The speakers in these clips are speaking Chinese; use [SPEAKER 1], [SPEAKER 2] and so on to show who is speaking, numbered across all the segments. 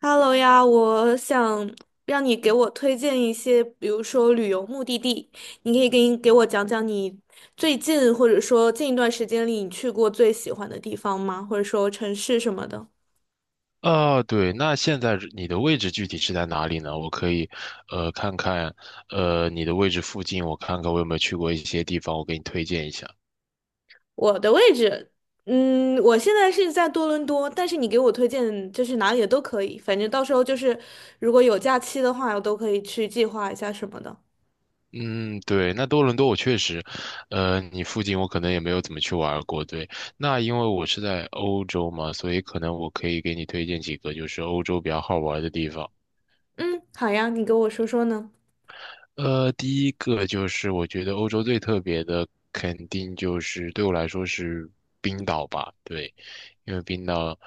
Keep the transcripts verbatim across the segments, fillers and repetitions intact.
[SPEAKER 1] Hello 呀，我想让你给我推荐一些，比如说旅游目的地，你可以给给我讲讲你最近或者说近一段时间里你去过最喜欢的地方吗？或者说城市什么的。
[SPEAKER 2] 啊，对，那现在你的位置具体是在哪里呢？我可以，呃，看看，呃，你的位置附近，我看看我有没有去过一些地方，我给你推荐一下。
[SPEAKER 1] 我的位置，嗯，我现在是在多伦多，但是你给我推荐就是哪里的都可以，反正到时候就是如果有假期的话，我都可以去计划一下什么的。
[SPEAKER 2] 嗯，对，那多伦多我确实，呃，你附近我可能也没有怎么去玩儿过。对，那因为我是在欧洲嘛，所以可能我可以给你推荐几个就是欧洲比较好玩儿的地方。
[SPEAKER 1] 嗯，好呀，你给我说说呢。
[SPEAKER 2] 呃，第一个就是我觉得欧洲最特别的，肯定就是对我来说是冰岛吧。对，因为冰岛，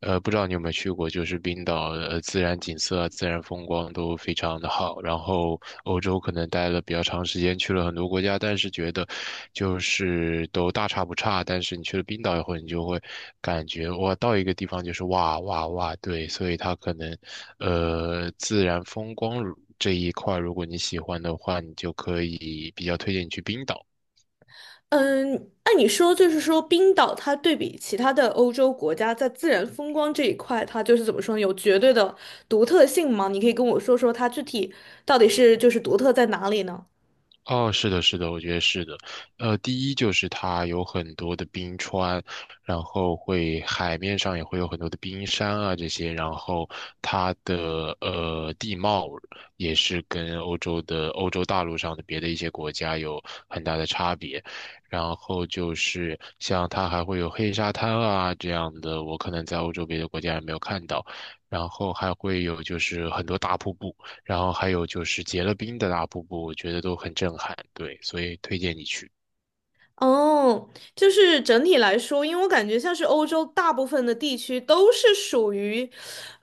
[SPEAKER 2] 呃，不知道你有没有去过，就是冰岛的呃自然景色啊、自然风光都非常的好。然后欧洲可能待了比较长时间，去了很多国家，但是觉得就是都大差不差。但是你去了冰岛以后，你就会感觉哇，到一个地方就是哇哇哇，对，所以它可能，呃，自然风光这一块，如果你喜欢的话，你就可以比较推荐你去冰岛。
[SPEAKER 1] 嗯，那你说，就是说冰岛它对比其他的欧洲国家，在自然风光这一块，它就是怎么说呢？有绝对的独特性吗？你可以跟我说说它具体到底是就是独特在哪里呢？
[SPEAKER 2] 哦，是的，是的，我觉得是的。呃，第一就是它有很多的冰川，然后会海面上也会有很多的冰山啊这些，然后它的呃地貌也是跟欧洲的欧洲大陆上的别的一些国家有很大的差别。然后就是像它还会有黑沙滩啊这样的，我可能在欧洲别的国家也没有看到。然后还会有就是很多大瀑布。然后还有就是结了冰的大瀑布，我觉得都很震撼，对，所以推荐你去。
[SPEAKER 1] 哦，就是整体来说，因为我感觉像是欧洲大部分的地区都是属于，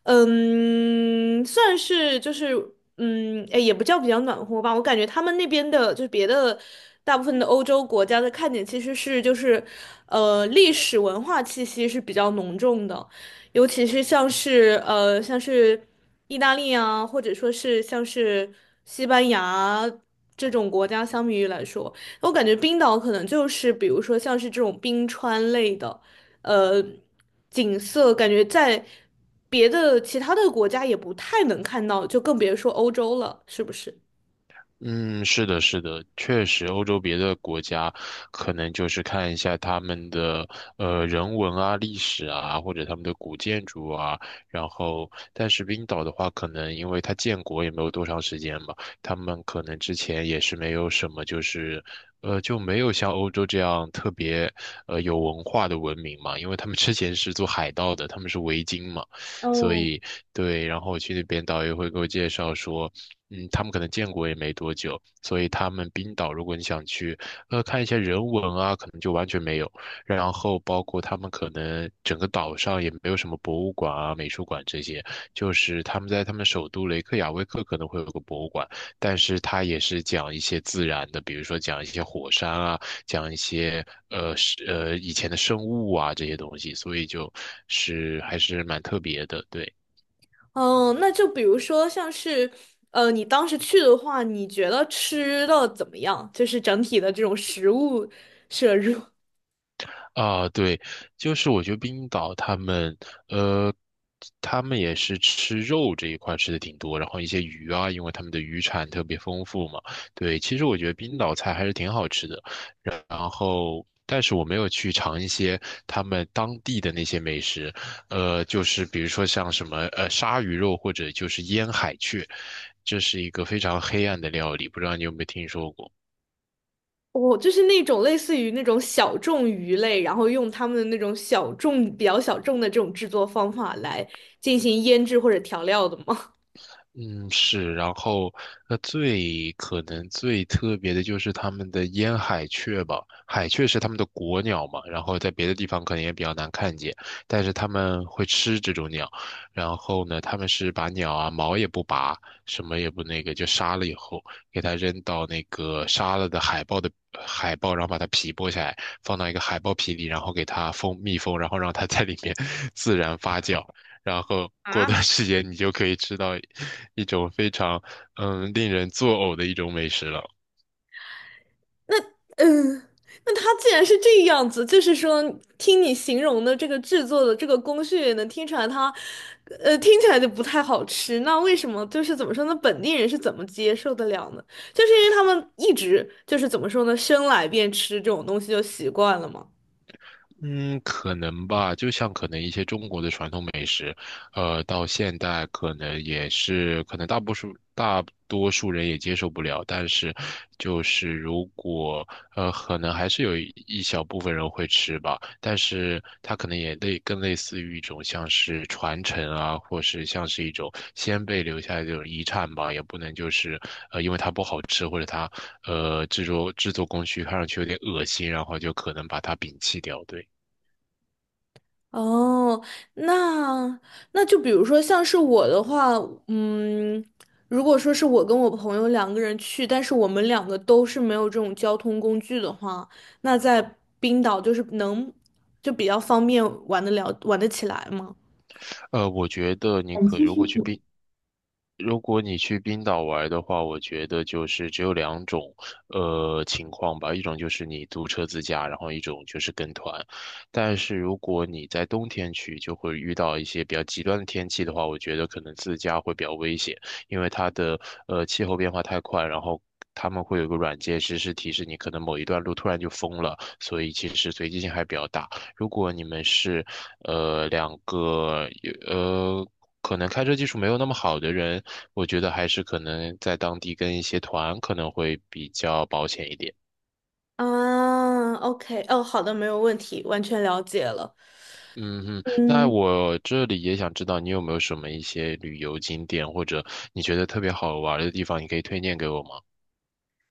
[SPEAKER 1] 嗯，算是就是，嗯，哎，也不叫比较暖和吧。我感觉他们那边的，就是别的大部分的欧洲国家的看点其实是就是，呃，历史文化气息是比较浓重的，尤其是像是呃像是意大利啊，或者说是像是西班牙这种国家相比于来说。我感觉冰岛可能就是，比如说像是这种冰川类的，呃，景色，感觉在别的其他的国家也不太能看到，就更别说欧洲了，是不是？
[SPEAKER 2] 嗯，是的，是的，确实，欧洲别的国家可能就是看一下他们的呃人文啊、历史啊，或者他们的古建筑啊。然后，但是冰岛的话，可能因为它建国也没有多长时间嘛，他们可能之前也是没有什么，就是呃就没有像欧洲这样特别呃有文化的文明嘛，因为他们之前是做海盗的，他们是维京嘛，所
[SPEAKER 1] 哦，
[SPEAKER 2] 以对。然后我去那边，导游会给我介绍说。嗯，他们可能建国也没多久，所以他们冰岛，如果你想去，呃，看一些人文啊，可能就完全没有。然后包括他们可能整个岛上也没有什么博物馆啊、美术馆这些，就是他们在他们首都雷克雅未克可能会有个博物馆，但是他也是讲一些自然的，比如说讲一些火山啊，讲一些呃是呃以前的生物啊这些东西，所以就是还是蛮特别的，对。
[SPEAKER 1] 嗯，那就比如说像是，呃，你当时去的话，你觉得吃的怎么样？就是整体的这种食物摄入。
[SPEAKER 2] 啊，对，就是我觉得冰岛他们，呃，他们也是吃肉这一块吃的挺多，然后一些鱼啊，因为他们的渔产特别丰富嘛。对，其实我觉得冰岛菜还是挺好吃的，然后，但是我没有去尝一些他们当地的那些美食，呃，就是比如说像什么呃鲨鱼肉或者就是腌海雀，这是一个非常黑暗的料理，不知道你有没有听说过？
[SPEAKER 1] 我就是那种类似于那种小众鱼类，然后用他们的那种小众、比较小众的这种制作方法来进行腌制或者调料的吗？
[SPEAKER 2] 嗯，是，然后那最可能最特别的就是他们的烟海雀吧，海雀是他们的国鸟嘛，然后在别的地方可能也比较难看见，但是他们会吃这种鸟，然后呢，他们是把鸟啊毛也不拔，什么也不那个，就杀了以后给它扔到那个杀了的海豹的呃海豹，然后把它皮剥下来，放到一个海豹皮里，然后给它封密封，然后让它在里面 自然发酵。然后过段
[SPEAKER 1] 啊，
[SPEAKER 2] 时间你就可以吃到一种非常嗯令人作呕的一种美食了。
[SPEAKER 1] 那嗯，那它既然是这样子，就是说，听你形容的这个制作的这个工序，也能听出来它，呃，听起来就不太好吃。那为什么就是怎么说呢？本地人是怎么接受得了呢？就是因为他们一直就是怎么说呢，生来便吃这种东西就习惯了嘛。
[SPEAKER 2] 嗯，可能吧，就像可能一些中国的传统美食，呃，到现代可能也是，可能大多数大多数人也接受不了，但是就是如果呃，可能还是有一一小部分人会吃吧，但是它可能也类更类似于一种像是传承啊，或是像是一种先辈留下来的这种遗产吧，也不能就是呃，因为它不好吃或者它呃制作制作工序看上去有点恶心，然后就可能把它摒弃掉，对。
[SPEAKER 1] 哦，那那就比如说像是我的话，嗯，如果说是我跟我朋友两个人去，但是我们两个都是没有这种交通工具的话，那在冰岛就是能就比较方便玩得了，玩得起来吗？
[SPEAKER 2] 呃，我觉得你可如果去冰，如果你去冰岛玩的话，我觉得就是只有两种呃情况吧，一种就是你租车自驾，然后一种就是跟团。但是如果你在冬天去，就会遇到一些比较极端的天气的话，我觉得可能自驾会比较危险，因为它的呃气候变化太快，然后。他们会有个软件实时提示你，可能某一段路突然就封了，所以其实随机性还比较大。如果你们是呃两个有呃可能开车技术没有那么好的人，我觉得还是可能在当地跟一些团可能会比较保险一点。
[SPEAKER 1] 啊，OK，哦，好的，没有问题，完全了解了。
[SPEAKER 2] 嗯哼，那
[SPEAKER 1] 嗯，
[SPEAKER 2] 我这里也想知道你有没有什么一些旅游景点或者你觉得特别好玩儿的地方，你可以推荐给我吗？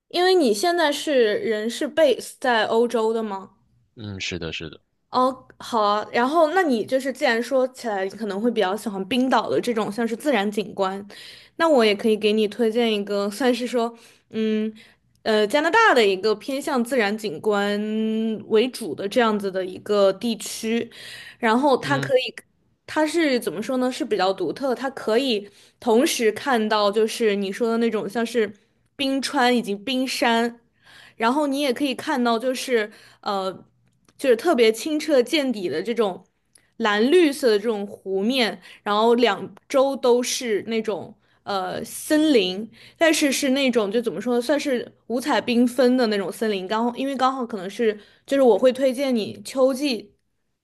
[SPEAKER 1] 因为你现在是人是 base 在欧洲的吗？
[SPEAKER 2] 嗯，是的，是的，
[SPEAKER 1] 哦，好啊。然后，那你就是既然说起来，你可能会比较喜欢冰岛的这种像是自然景观，那我也可以给你推荐一个，算是说，嗯，呃，加拿大的一个偏向自然景观为主的这样子的一个地区，然后它可
[SPEAKER 2] 嗯
[SPEAKER 1] 以。它是怎么说呢？是比较独特，它可以同时看到就是你说的那种像是冰川以及冰山。然后你也可以看到，就是呃，就是特别清澈见底的这种蓝绿色的这种湖面，然后两周都是那种呃森林，但是是那种就怎么说，算是五彩缤纷的那种森林。刚好因为刚好可能是就是我会推荐你秋季，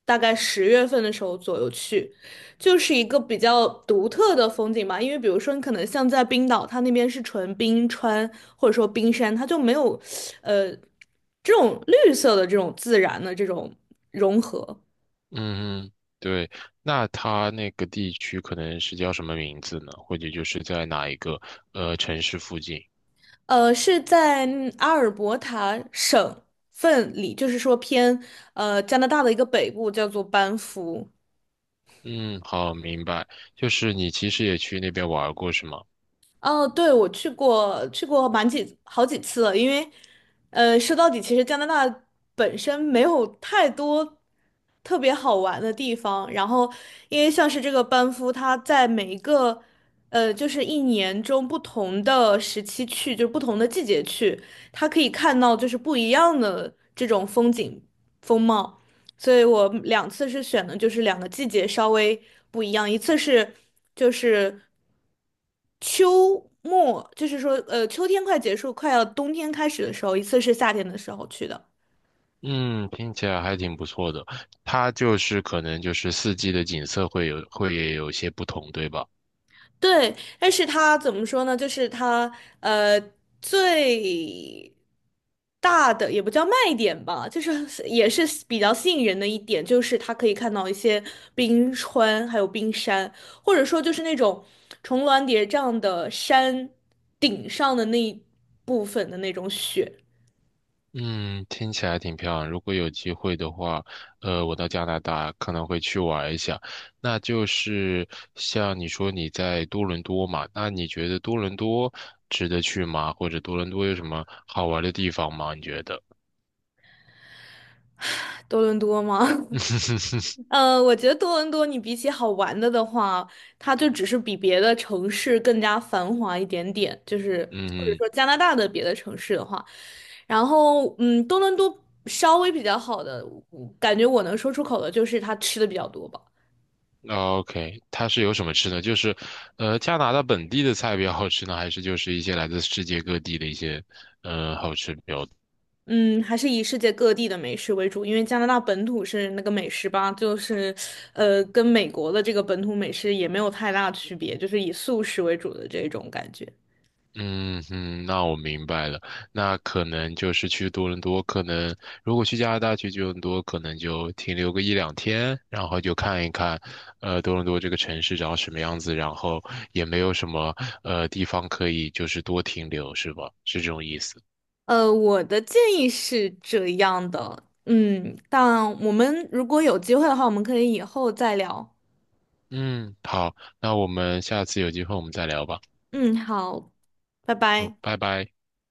[SPEAKER 1] 大概十月份的时候左右去。就是一个比较独特的风景吧，因为比如说你可能像在冰岛，它那边是纯冰川或者说冰山，它就没有，呃，这种绿色的这种自然的这种融合。
[SPEAKER 2] 嗯嗯，对，那它那个地区可能是叫什么名字呢？或者就是在哪一个呃城市附近？
[SPEAKER 1] 呃，是在嗯阿尔伯塔省份里，就是说偏呃加拿大的一个北部，叫做班夫。
[SPEAKER 2] 嗯，好，明白。就是你其实也去那边玩儿过是吗？
[SPEAKER 1] 哦，对，我去过，去过蛮几好几次了，因为，呃，说到底，其实加拿大本身没有太多特别好玩的地方。然后，因为像是这个班夫，它在每一个，呃，就是一年中不同的时期去，就是不同的季节去，它可以看到就是不一样的这种风景风貌。所以我两次是选的就是两个季节稍微不一样，一次是就是。秋末，就是说，呃，秋天快结束，快要冬天开始的时候，一次是夏天的时候去的。
[SPEAKER 2] 嗯，听起来还挺不错的。它就是可能就是四季的景色会有会也有些不同，对吧？
[SPEAKER 1] 对，但是它怎么说呢？就是它，呃，最大的也不叫卖点吧，就是也是比较吸引人的一点，就是它可以看到一些冰川，还有冰山，或者说就是那种重峦叠嶂的山顶上的那一部分的那种雪。
[SPEAKER 2] 嗯，听起来挺漂亮。如果有机会的话，呃，我到加拿大可能会去玩一下。那就是像你说你在多伦多嘛，那你觉得多伦多值得去吗？或者多伦多有什么好玩的地方吗？你觉得？
[SPEAKER 1] 多伦多吗？呃，我觉得多伦多，你比起好玩的的话，它就只是比别的城市更加繁华一点点，就是或者
[SPEAKER 2] 嗯
[SPEAKER 1] 说加拿大的别的城市的话，然后嗯，多伦多稍微比较好的，我感觉我能说出口的就是它吃的比较多吧，
[SPEAKER 2] OK,它是有什么吃的？就是，呃，加拿大本地的菜比较好吃呢，还是就是一些来自世界各地的一些，嗯，好吃比较？
[SPEAKER 1] 嗯，还是以世界各地的美食为主，因为加拿大本土是那个美食吧，就是呃，跟美国的这个本土美食也没有太大区别，就是以素食为主的这种感觉。
[SPEAKER 2] 嗯嗯，那我明白了。那可能就是去多伦多，可能如果去加拿大去多伦多，可能就停留个一两天，然后就看一看，呃，多伦多这个城市长什么样子，然后也没有什么呃地方可以就是多停留，是吧？是这种意思。
[SPEAKER 1] 呃，我的建议是这样的，嗯，但我们如果有机会的话，我们可以以后再聊。
[SPEAKER 2] 嗯，好，那我们下次有机会我们再聊吧。
[SPEAKER 1] 嗯，好，拜
[SPEAKER 2] 好，
[SPEAKER 1] 拜。
[SPEAKER 2] 拜拜。